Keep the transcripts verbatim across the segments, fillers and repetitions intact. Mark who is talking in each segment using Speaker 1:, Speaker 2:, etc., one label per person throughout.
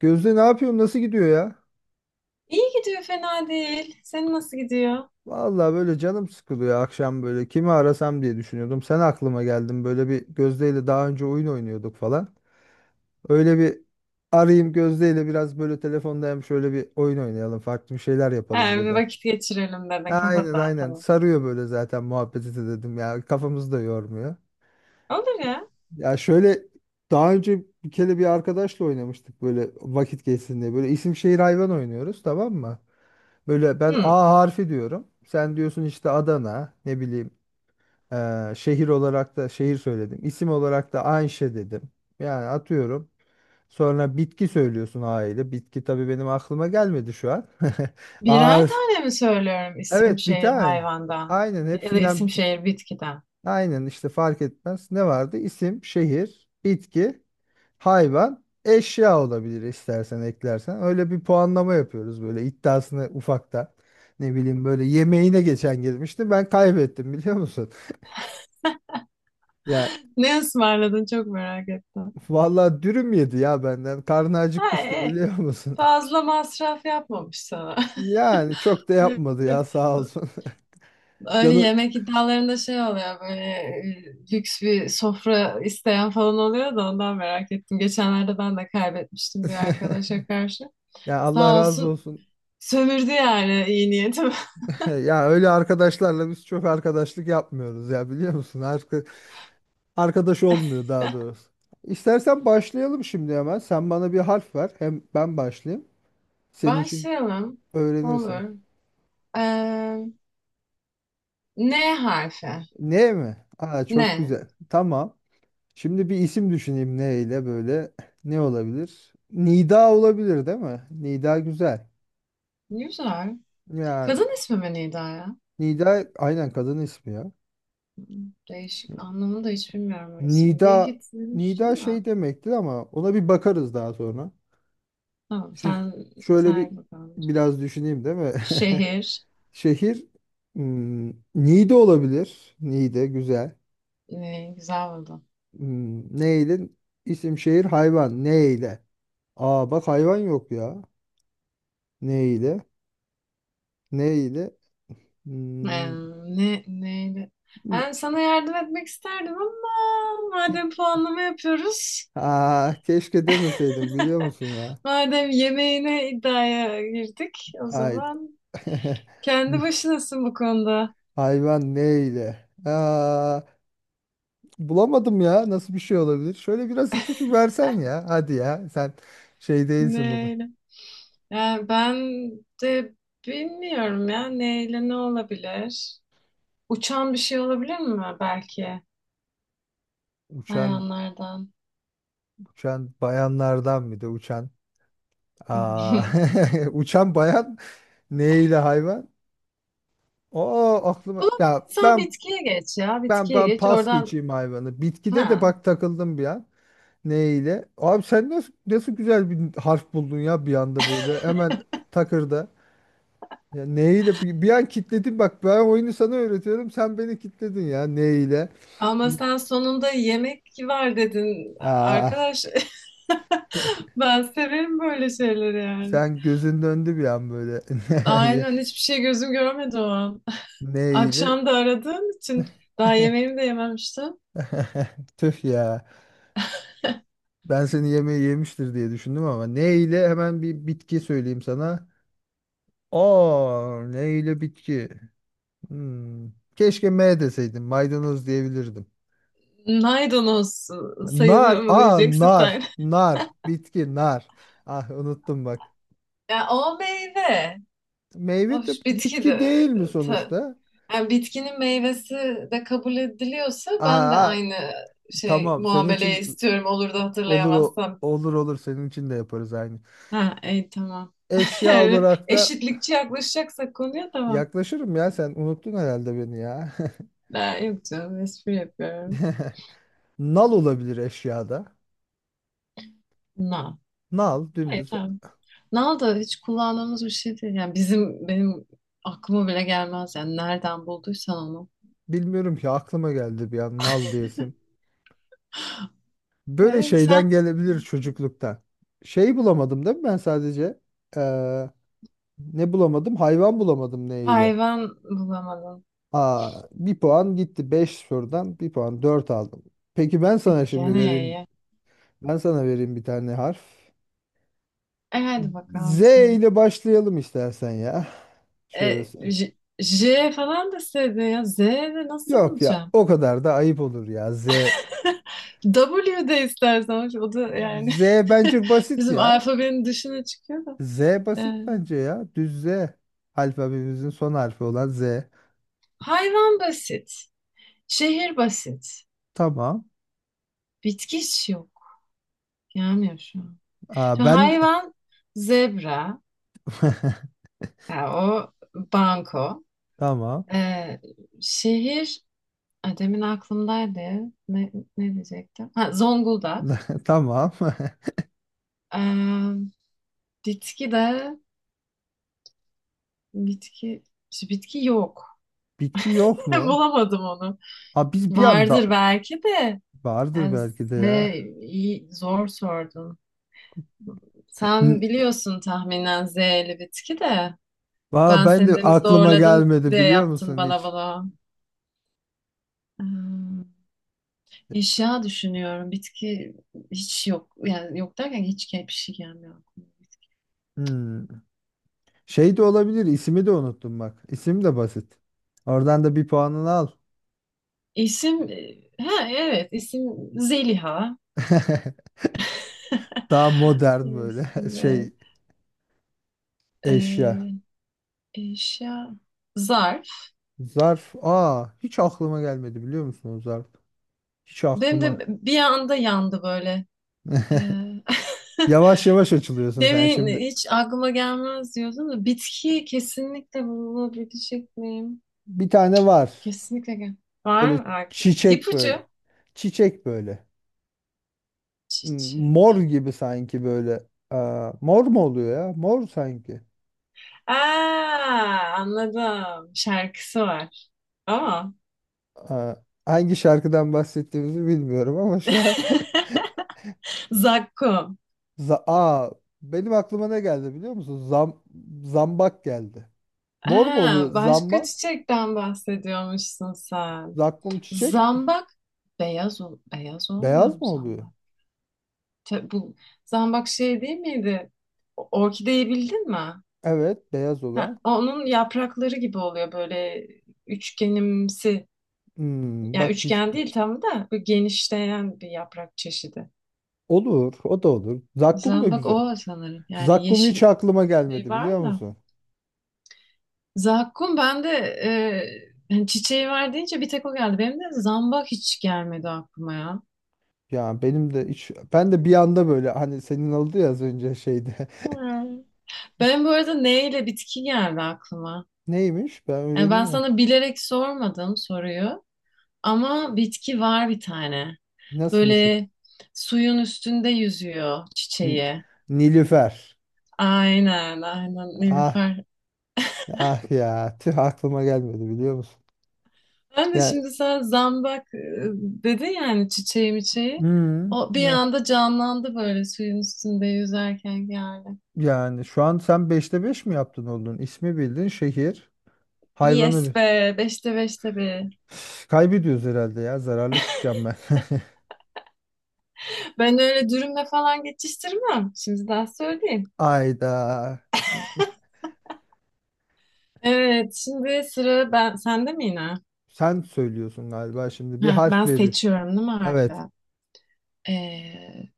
Speaker 1: Gözde ne yapıyorsun? Nasıl gidiyor ya?
Speaker 2: İyi gidiyor, fena değil. Senin nasıl gidiyor?
Speaker 1: Vallahi böyle canım sıkılıyor akşam böyle. Kimi arasam diye düşünüyordum. Sen aklıma geldin. Böyle bir Gözde ile daha önce oyun oynuyorduk falan. Öyle bir arayayım Gözde ile biraz böyle telefonda hem şöyle bir oyun oynayalım. Farklı bir şeyler yapalım
Speaker 2: Ha, bir
Speaker 1: dedim.
Speaker 2: vakit geçirelim dedin, kafa
Speaker 1: Aynen aynen.
Speaker 2: dağıtalım.
Speaker 1: Sarıyor böyle zaten muhabbeti de dedim ya. Kafamızı da yormuyor.
Speaker 2: Olur ya.
Speaker 1: Ya şöyle daha önce bir kere bir arkadaşla oynamıştık böyle vakit geçsin diye. Böyle isim şehir hayvan oynuyoruz tamam mı? Böyle ben
Speaker 2: Hmm.
Speaker 1: A harfi diyorum. Sen diyorsun işte Adana, ne bileyim eee, şehir olarak da şehir söyledim. İsim olarak da Ayşe dedim. Yani atıyorum. Sonra bitki söylüyorsun A ile. Bitki tabii benim aklıma gelmedi şu an. A
Speaker 2: Birer
Speaker 1: harf.
Speaker 2: tane mi söylüyorum isim
Speaker 1: Evet bir
Speaker 2: şehir
Speaker 1: tane.
Speaker 2: hayvandan?
Speaker 1: Aynen
Speaker 2: Ya da isim
Speaker 1: hepsinden
Speaker 2: şehir bitkiden?
Speaker 1: aynen işte fark etmez. Ne vardı? İsim, şehir, bitki hayvan, eşya olabilir istersen eklersen. Öyle bir puanlama yapıyoruz böyle iddiasını ufakta. Ne bileyim böyle yemeğine geçen girmişti. Ben kaybettim biliyor musun? Ya
Speaker 2: Ne ısmarladın çok merak ettim.
Speaker 1: vallahi dürüm yedi ya benden. Karnı
Speaker 2: Ha,
Speaker 1: acıkmıştı
Speaker 2: e, e,
Speaker 1: biliyor musun?
Speaker 2: fazla masraf yapmamış sana.
Speaker 1: Yani çok da yapmadı ya sağ olsun.
Speaker 2: Öyle
Speaker 1: Canı
Speaker 2: yemek iddialarında şey oluyor böyle e, lüks bir sofra isteyen falan oluyor da ondan merak ettim. Geçenlerde ben de kaybetmiştim bir arkadaşa karşı.
Speaker 1: ya Allah
Speaker 2: Sağ
Speaker 1: razı
Speaker 2: olsun.
Speaker 1: olsun.
Speaker 2: Sömürdü yani iyi niyetim.
Speaker 1: Ya öyle arkadaşlarla biz çok arkadaşlık yapmıyoruz ya biliyor musun? Arka- Arkadaş olmuyor daha doğrusu. İstersen başlayalım şimdi hemen. Sen bana bir harf ver. Hem ben başlayayım. Senin için
Speaker 2: Başlayalım.
Speaker 1: öğrenirsin.
Speaker 2: Olur. Ee, N harfi.
Speaker 1: Ne mi? Aa çok
Speaker 2: Ne?
Speaker 1: güzel. Tamam. Şimdi bir isim düşüneyim ne ile böyle. Ne olabilir? Nida olabilir değil mi? Nida güzel.
Speaker 2: Güzel.
Speaker 1: Yani
Speaker 2: Kadın ismi mi Nida ya?
Speaker 1: Nida aynen kadın ismi ya.
Speaker 2: Değişik. Anlamını da hiç bilmiyorum o ismin. Bir
Speaker 1: Nida
Speaker 2: hit
Speaker 1: Nida
Speaker 2: duymuştum da.
Speaker 1: şey demektir ama ona bir bakarız daha sonra.
Speaker 2: Tamam,
Speaker 1: Şimdi
Speaker 2: sen
Speaker 1: Şöyle bir
Speaker 2: sen bakalım.
Speaker 1: biraz düşüneyim değil mi?
Speaker 2: Şehir.
Speaker 1: Şehir hmm, Niğde olabilir. Niğde güzel.
Speaker 2: Ee, güzel buldum.
Speaker 1: Hmm, neyle? İsim şehir hayvan. Neyle? Aa bak hayvan yok ya. Neyle? Neyle?
Speaker 2: Ee,
Speaker 1: Hmm,
Speaker 2: ne, Neydi?
Speaker 1: ne-
Speaker 2: Ben sana yardım etmek isterdim ama
Speaker 1: İ-
Speaker 2: madem puanlama yapıyoruz.
Speaker 1: Aa, keşke demeseydim biliyor musun ya?
Speaker 2: Madem yemeğine iddiaya girdik o
Speaker 1: Ay.
Speaker 2: zaman, kendi başınasın bu konuda.
Speaker 1: Hayvan neyle? Aa, bulamadım ya. Nasıl bir şey olabilir? Şöyle biraz ipucu versen ya. Hadi ya. Sen şey değilsin bu.
Speaker 2: Neyle? Yani ben de bilmiyorum ya neyle ne olabilir? Uçan bir şey olabilir mi belki
Speaker 1: Uçan
Speaker 2: hayvanlardan?
Speaker 1: uçan bayanlardan bir de uçan. Aa, uçan bayan neyle hayvan? Oo aklıma ya
Speaker 2: Bulamadıysan
Speaker 1: ben
Speaker 2: bitkiye geç ya
Speaker 1: ben
Speaker 2: bitkiye
Speaker 1: ben
Speaker 2: geç
Speaker 1: pas
Speaker 2: oradan
Speaker 1: geçeyim hayvanı. Bitkide de
Speaker 2: ha.
Speaker 1: bak takıldım bir an. Neyle? Abi sen nasıl nasıl güzel bir harf buldun ya bir anda böyle hemen takırda. Ya neyle bir, bir an kitledin bak ben oyunu sana öğretiyorum sen beni kitledin ya neyle?
Speaker 2: Ama sen sonunda yemek var dedin
Speaker 1: Aa,
Speaker 2: arkadaş. Ben severim böyle şeyleri yani.
Speaker 1: sen gözün döndü bir an böyle.
Speaker 2: Aynen, hiçbir şey gözüm görmedi o an.
Speaker 1: Neyle?
Speaker 2: Akşam da aradığın için daha yemeğimi de yememiştim.
Speaker 1: Tüh ya. Ben seni yemeği yemiştir diye düşündüm ama ne ile hemen bir bitki söyleyeyim sana. Aa, ne ile bitki? Hmm. Keşke M deseydim. Maydanoz diyebilirdim.
Speaker 2: Maydanoz sayılıyor
Speaker 1: Nar.
Speaker 2: mu
Speaker 1: Aa,
Speaker 2: diyeceksin
Speaker 1: nar.
Speaker 2: sen.
Speaker 1: Nar. Bitki nar. Ah unuttum bak.
Speaker 2: Ya o meyve.
Speaker 1: Meyve de
Speaker 2: Hoş bitki
Speaker 1: bitki
Speaker 2: de.
Speaker 1: değil mi
Speaker 2: ta-
Speaker 1: sonuçta?
Speaker 2: Yani bitkinin meyvesi de kabul ediliyorsa ben de
Speaker 1: Aa,
Speaker 2: aynı şey
Speaker 1: tamam. Senin
Speaker 2: muameleyi
Speaker 1: için
Speaker 2: istiyorum olur da
Speaker 1: olur o.
Speaker 2: hatırlayamazsam.
Speaker 1: Olur olur senin için de yaparız aynı.
Speaker 2: Ha, iyi tamam.
Speaker 1: Eşya
Speaker 2: Yani
Speaker 1: olarak da
Speaker 2: eşitlikçi yaklaşacaksak konuya tamam.
Speaker 1: yaklaşırım ya sen unuttun herhalde beni ya.
Speaker 2: Ha, yok canım, espri yapıyorum.
Speaker 1: Nal olabilir eşyada.
Speaker 2: Na.
Speaker 1: Nal
Speaker 2: Hayır,
Speaker 1: dümdüz.
Speaker 2: tamam. Nal da hiç kullandığımız bir şey değil. Yani bizim benim aklıma bile gelmez. Yani nereden bulduysan onu.
Speaker 1: Bilmiyorum ki aklıma geldi bir an nal diyesim. Böyle
Speaker 2: Ee, sen
Speaker 1: şeyden gelebilir çocukluktan. Şey bulamadım değil mi ben sadece? Ee, ne bulamadım? Hayvan bulamadım neyle?
Speaker 2: hayvan bulamadın.
Speaker 1: Aa, bir puan gitti beş sorudan bir puan dört aldım. Peki ben
Speaker 2: E,
Speaker 1: sana şimdi
Speaker 2: Gene
Speaker 1: vereyim.
Speaker 2: iyi.
Speaker 1: Ben sana vereyim bir tane harf.
Speaker 2: E hadi
Speaker 1: Z
Speaker 2: bakalım sen.
Speaker 1: ile başlayalım istersen ya. Şöyle.
Speaker 2: E,
Speaker 1: s-
Speaker 2: J, J falan deseydin ya. Z de nasıl
Speaker 1: Yok ya
Speaker 2: bulacağım?
Speaker 1: o kadar da ayıp olur ya. Z
Speaker 2: W de istersen. O da yani
Speaker 1: Z bence basit
Speaker 2: bizim
Speaker 1: ya.
Speaker 2: alfabenin dışına çıkıyor da.
Speaker 1: Z
Speaker 2: E,
Speaker 1: basit bence ya. Düz Z. Alfabemizin son harfi olan Z.
Speaker 2: Hayvan basit. Şehir basit.
Speaker 1: Tamam.
Speaker 2: Bitki hiç yok. Gelmiyor şu an.
Speaker 1: Aa,
Speaker 2: Şu
Speaker 1: ben
Speaker 2: hayvan zebra. Ya o banko.
Speaker 1: tamam.
Speaker 2: E, Şehir. Ay, demin aklımdaydı. Ne, Ne diyecektim? Ha, Zonguldak.
Speaker 1: Tamam.
Speaker 2: Ee, Bitki de bitki şu bitki yok.
Speaker 1: Bitki yok mu?
Speaker 2: Bulamadım onu.
Speaker 1: Ha biz bir
Speaker 2: Vardır
Speaker 1: anda
Speaker 2: belki de.
Speaker 1: vardır
Speaker 2: Yani Z,
Speaker 1: belki de ya.
Speaker 2: iyi, zor sordun. Sen
Speaker 1: N-
Speaker 2: biliyorsun tahminen Z'li bitki de.
Speaker 1: Aa,
Speaker 2: Ben
Speaker 1: ben de
Speaker 2: seni demin
Speaker 1: aklıma
Speaker 2: zorladım
Speaker 1: gelmedi
Speaker 2: diye
Speaker 1: biliyor
Speaker 2: yaptın
Speaker 1: musun
Speaker 2: bana
Speaker 1: hiç?
Speaker 2: bunu. Ee, Eşya düşünüyorum. Bitki hiç yok. Yani yok derken hiç bir şey gelmiyor aklıma.
Speaker 1: Hmm. Şey de olabilir. İsmi de unuttum bak. İsim de basit. Oradan da bir puanını al.
Speaker 2: İsim, e, ha, evet, isim Zeliha.
Speaker 1: Daha modern böyle
Speaker 2: İsim, e,
Speaker 1: şey eşya.
Speaker 2: e, eşya zarf.
Speaker 1: Zarf. Aa hiç aklıma gelmedi biliyor musun o zarf? Hiç
Speaker 2: Benim de
Speaker 1: aklıma.
Speaker 2: bir anda yandı böyle. E,
Speaker 1: Yavaş yavaş açılıyorsun sen
Speaker 2: demin
Speaker 1: şimdi.
Speaker 2: hiç aklıma gelmez diyordum da bitki kesinlikle bulabilecek miyim?
Speaker 1: Bir tane var.
Speaker 2: Kesinlikle gel.
Speaker 1: Böyle
Speaker 2: Var mı? Ak-
Speaker 1: çiçek böyle.
Speaker 2: İpucu.
Speaker 1: Çiçek böyle. Hmm, Mor
Speaker 2: Çiçek.
Speaker 1: gibi sanki böyle. Aa, mor mu oluyor ya? Mor sanki.
Speaker 2: Aa, anladım. Şarkısı var. Ama
Speaker 1: Aa, hangi şarkıdan bahsettiğimizi bilmiyorum ama şu an.
Speaker 2: zakkum.
Speaker 1: Za- Aa, benim aklıma ne geldi biliyor musun? Zam zambak geldi. Mor mu
Speaker 2: Ha,
Speaker 1: oluyor?
Speaker 2: başka
Speaker 1: Zambak.
Speaker 2: çiçekten bahsediyormuşsun sen.
Speaker 1: Zakkum çiçek.
Speaker 2: Zambak beyaz ol beyaz olmuyor
Speaker 1: Beyaz
Speaker 2: mu
Speaker 1: mı oluyor?
Speaker 2: zambak? Ta- bu zambak şey değil miydi? O- Orkideyi bildin mi?
Speaker 1: Evet, beyaz
Speaker 2: Ha,
Speaker 1: olan.
Speaker 2: onun yaprakları gibi oluyor böyle üçgenimsi.
Speaker 1: Hmm,
Speaker 2: Yani
Speaker 1: bak hiç
Speaker 2: üçgen değil tam da böyle genişleyen bir yaprak çeşidi.
Speaker 1: olur, o da olur. Zakkum da
Speaker 2: Zambak
Speaker 1: güzel.
Speaker 2: o sanırım. Yani
Speaker 1: Zakkum hiç
Speaker 2: yeşil
Speaker 1: aklıma
Speaker 2: şey
Speaker 1: gelmedi biliyor
Speaker 2: var da.
Speaker 1: musun?
Speaker 2: Zakkum ben de e, yani çiçeği var deyince bir tek o geldi. Benim de zambak hiç gelmedi aklıma ya.
Speaker 1: Ya benim de hiç ben de bir anda böyle hani senin oldu ya az önce şeyde.
Speaker 2: Hmm. Benim bu arada neyle bitki geldi aklıma.
Speaker 1: Neymiş? Ben
Speaker 2: Yani
Speaker 1: öğreneyim
Speaker 2: ben
Speaker 1: mi?
Speaker 2: sana bilerek sormadım soruyu ama bitki var bir tane.
Speaker 1: Nasıl bir şey?
Speaker 2: Böyle suyun üstünde yüzüyor
Speaker 1: N-
Speaker 2: çiçeği.
Speaker 1: Nilüfer.
Speaker 2: Aynen, aynen
Speaker 1: Ah
Speaker 2: Nilüfer.
Speaker 1: ah ya tüh aklıma gelmedi biliyor musun?
Speaker 2: Ben de
Speaker 1: Ya
Speaker 2: şimdi sen zambak e, dedin yani çiçeği miçeği.
Speaker 1: hmm,
Speaker 2: O bir
Speaker 1: ya
Speaker 2: anda canlandı böyle suyun üstünde yüzerken geldi.
Speaker 1: yani şu an sen beşte beş mi yaptın oldun? İsmi bildin, şehir,
Speaker 2: Yes
Speaker 1: hayvanı bi-
Speaker 2: be, beşte beşte be.
Speaker 1: Kaybediyoruz herhalde ya. Zararlı çıkacağım ben.
Speaker 2: Ben öyle dürümle falan geçiştirmem. Şimdi daha söyleyeyim.
Speaker 1: Ayda.
Speaker 2: Evet, şimdi sıra ben sende mi yine?
Speaker 1: Sen söylüyorsun galiba şimdi. Bir
Speaker 2: Heh, ben
Speaker 1: harf veri.
Speaker 2: seçiyorum değil mi harfi?
Speaker 1: Evet.
Speaker 2: Ee,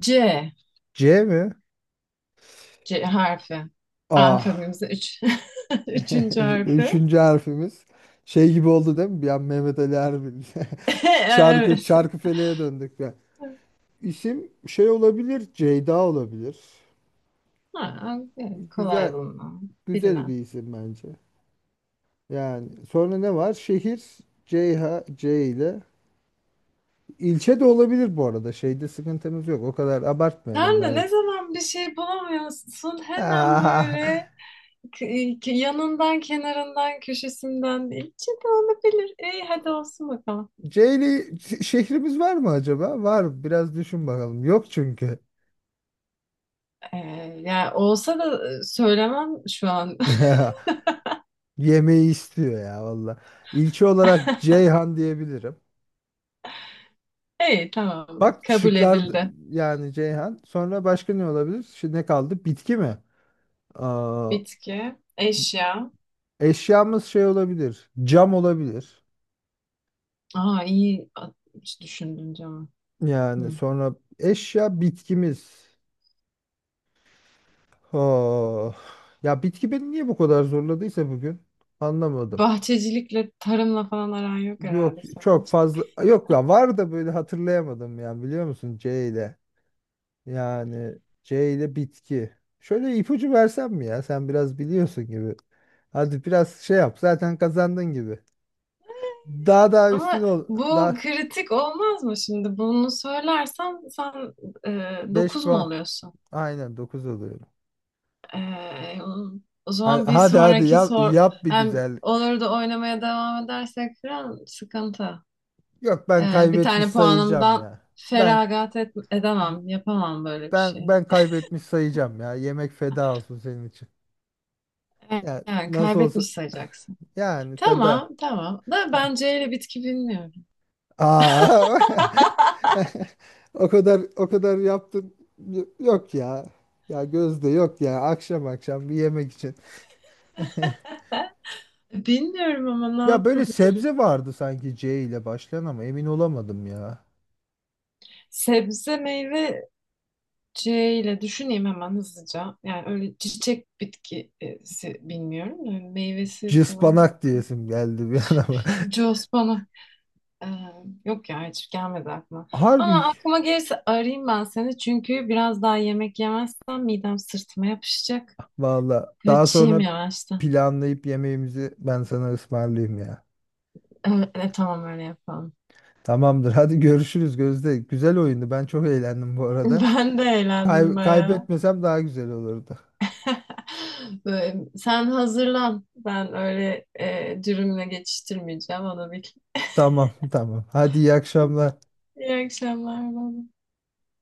Speaker 2: C.
Speaker 1: C mi?
Speaker 2: C harfi.
Speaker 1: Ah.
Speaker 2: Alfabemizin üç. Üçüncü harfi.
Speaker 1: Üçüncü harfimiz. Şey gibi oldu değil mi? Bir an Mehmet Ali Erbil. Çarkı,
Speaker 2: Evet.
Speaker 1: Çarkıfele'ye döndük ya. İsim şey olabilir. Ceyda olabilir.
Speaker 2: Ha, evet, kolay
Speaker 1: Güzel.
Speaker 2: bulmam.
Speaker 1: Güzel bir
Speaker 2: Bilmem.
Speaker 1: isim bence. Yani sonra ne var? Şehir Ceyha C ile. İlçe de olabilir bu arada. Şeyde sıkıntımız yok. O kadar abartmayalım
Speaker 2: Sen de
Speaker 1: ben.
Speaker 2: ne zaman bir şey bulamıyorsun hemen böyle
Speaker 1: Ah.
Speaker 2: k- k- yanından, kenarından, köşesinden içi de olabilir. İyi hadi olsun bakalım.
Speaker 1: C ile şehrimiz var mı acaba? Var. Biraz düşün bakalım. Yok çünkü.
Speaker 2: Ee, Yani olsa da e, söylemem şu an.
Speaker 1: Yemeği istiyor ya valla. İlçe olarak Ceyhan diyebilirim.
Speaker 2: İyi tamam hadi.
Speaker 1: Bak
Speaker 2: Kabul
Speaker 1: şıklar
Speaker 2: edildi.
Speaker 1: yani Ceyhan. Sonra başka ne olabilir? Şimdi ne kaldı? Bitki mi? Aa,
Speaker 2: Bitki, eşya.
Speaker 1: eşyamız şey olabilir. Cam olabilir.
Speaker 2: Aa iyi, A- hiç düşündün canım.
Speaker 1: Yani
Speaker 2: Hı.
Speaker 1: sonra eşya bitkimiz. Oh. Ya bitki beni niye bu kadar zorladıysa bugün anlamadım.
Speaker 2: Bahçecilikle, tarımla falan aran yok
Speaker 1: Yok
Speaker 2: herhalde senin.
Speaker 1: çok fazla yok ya var da böyle hatırlayamadım yani biliyor musun C ile. Yani C ile bitki. Şöyle ipucu versem mi ya? Sen biraz biliyorsun gibi. Hadi biraz şey yap. Zaten kazandın gibi. Daha daha üstün
Speaker 2: Ama
Speaker 1: ol.
Speaker 2: bu
Speaker 1: Daha
Speaker 2: kritik olmaz mı şimdi? Bunu söylersem sen e,
Speaker 1: beş
Speaker 2: dokuz mu
Speaker 1: puan.
Speaker 2: oluyorsun?
Speaker 1: Aynen dokuz oluyor.
Speaker 2: E, O
Speaker 1: Ha-
Speaker 2: zaman bir
Speaker 1: Hadi hadi
Speaker 2: sonraki
Speaker 1: yap,
Speaker 2: sor...
Speaker 1: yap bir
Speaker 2: Yani
Speaker 1: güzellik.
Speaker 2: olur da oynamaya devam edersek falan sıkıntı.
Speaker 1: Yok
Speaker 2: E,
Speaker 1: ben
Speaker 2: bir
Speaker 1: kaybetmiş
Speaker 2: tane
Speaker 1: sayacağım
Speaker 2: puanımdan
Speaker 1: ya. Ben
Speaker 2: feragat et- edemem, yapamam böyle bir
Speaker 1: ben
Speaker 2: şey.
Speaker 1: ben kaybetmiş sayacağım ya. Yemek feda olsun senin için. Ya
Speaker 2: Yani
Speaker 1: nasıl olsa
Speaker 2: kaybetmiş sayacaksın.
Speaker 1: yani feda.
Speaker 2: Tamam, tamam. Da ben C ile bitki bilmiyorum.
Speaker 1: Aa, o kadar o kadar yaptım. Y- Yok ya. Ya Gözde yok ya. Akşam akşam bir yemek için.
Speaker 2: Bilmiyorum ama ne
Speaker 1: Ya böyle
Speaker 2: yapabilirim?
Speaker 1: sebze vardı sanki C ile başlayan ama emin olamadım ya.
Speaker 2: Sebze, meyve C ile düşüneyim hemen hızlıca. Yani öyle çiçek bitkisi bilmiyorum. Da, hani meyvesi falan
Speaker 1: Cıspanak
Speaker 2: bakın.
Speaker 1: diyesim geldi bir an ama.
Speaker 2: Cospana. Ee, Yok ya hiç gelmedi aklıma. Ama
Speaker 1: Harbi
Speaker 2: aklıma gelirse arayayım ben seni. Çünkü biraz daha yemek yemezsem midem sırtıma yapışacak.
Speaker 1: valla. Daha
Speaker 2: Kaçayım
Speaker 1: sonra
Speaker 2: yavaştan.
Speaker 1: planlayıp yemeğimizi ben sana ısmarlayayım ya.
Speaker 2: Evet, tamam öyle yapalım.
Speaker 1: Tamamdır. Hadi görüşürüz Gözde. Güzel oyundu. Ben çok eğlendim bu arada.
Speaker 2: Ben de eğlendim
Speaker 1: Kay-
Speaker 2: bayağı.
Speaker 1: kaybetmesem daha güzel olurdu.
Speaker 2: Böyle, sen hazırlan. Ben öyle e, dürümle geçiştirmeyeceğim. Onu bil.
Speaker 1: Tamam tamam. Hadi iyi akşamlar.
Speaker 2: İyi akşamlar. Bye. Bye.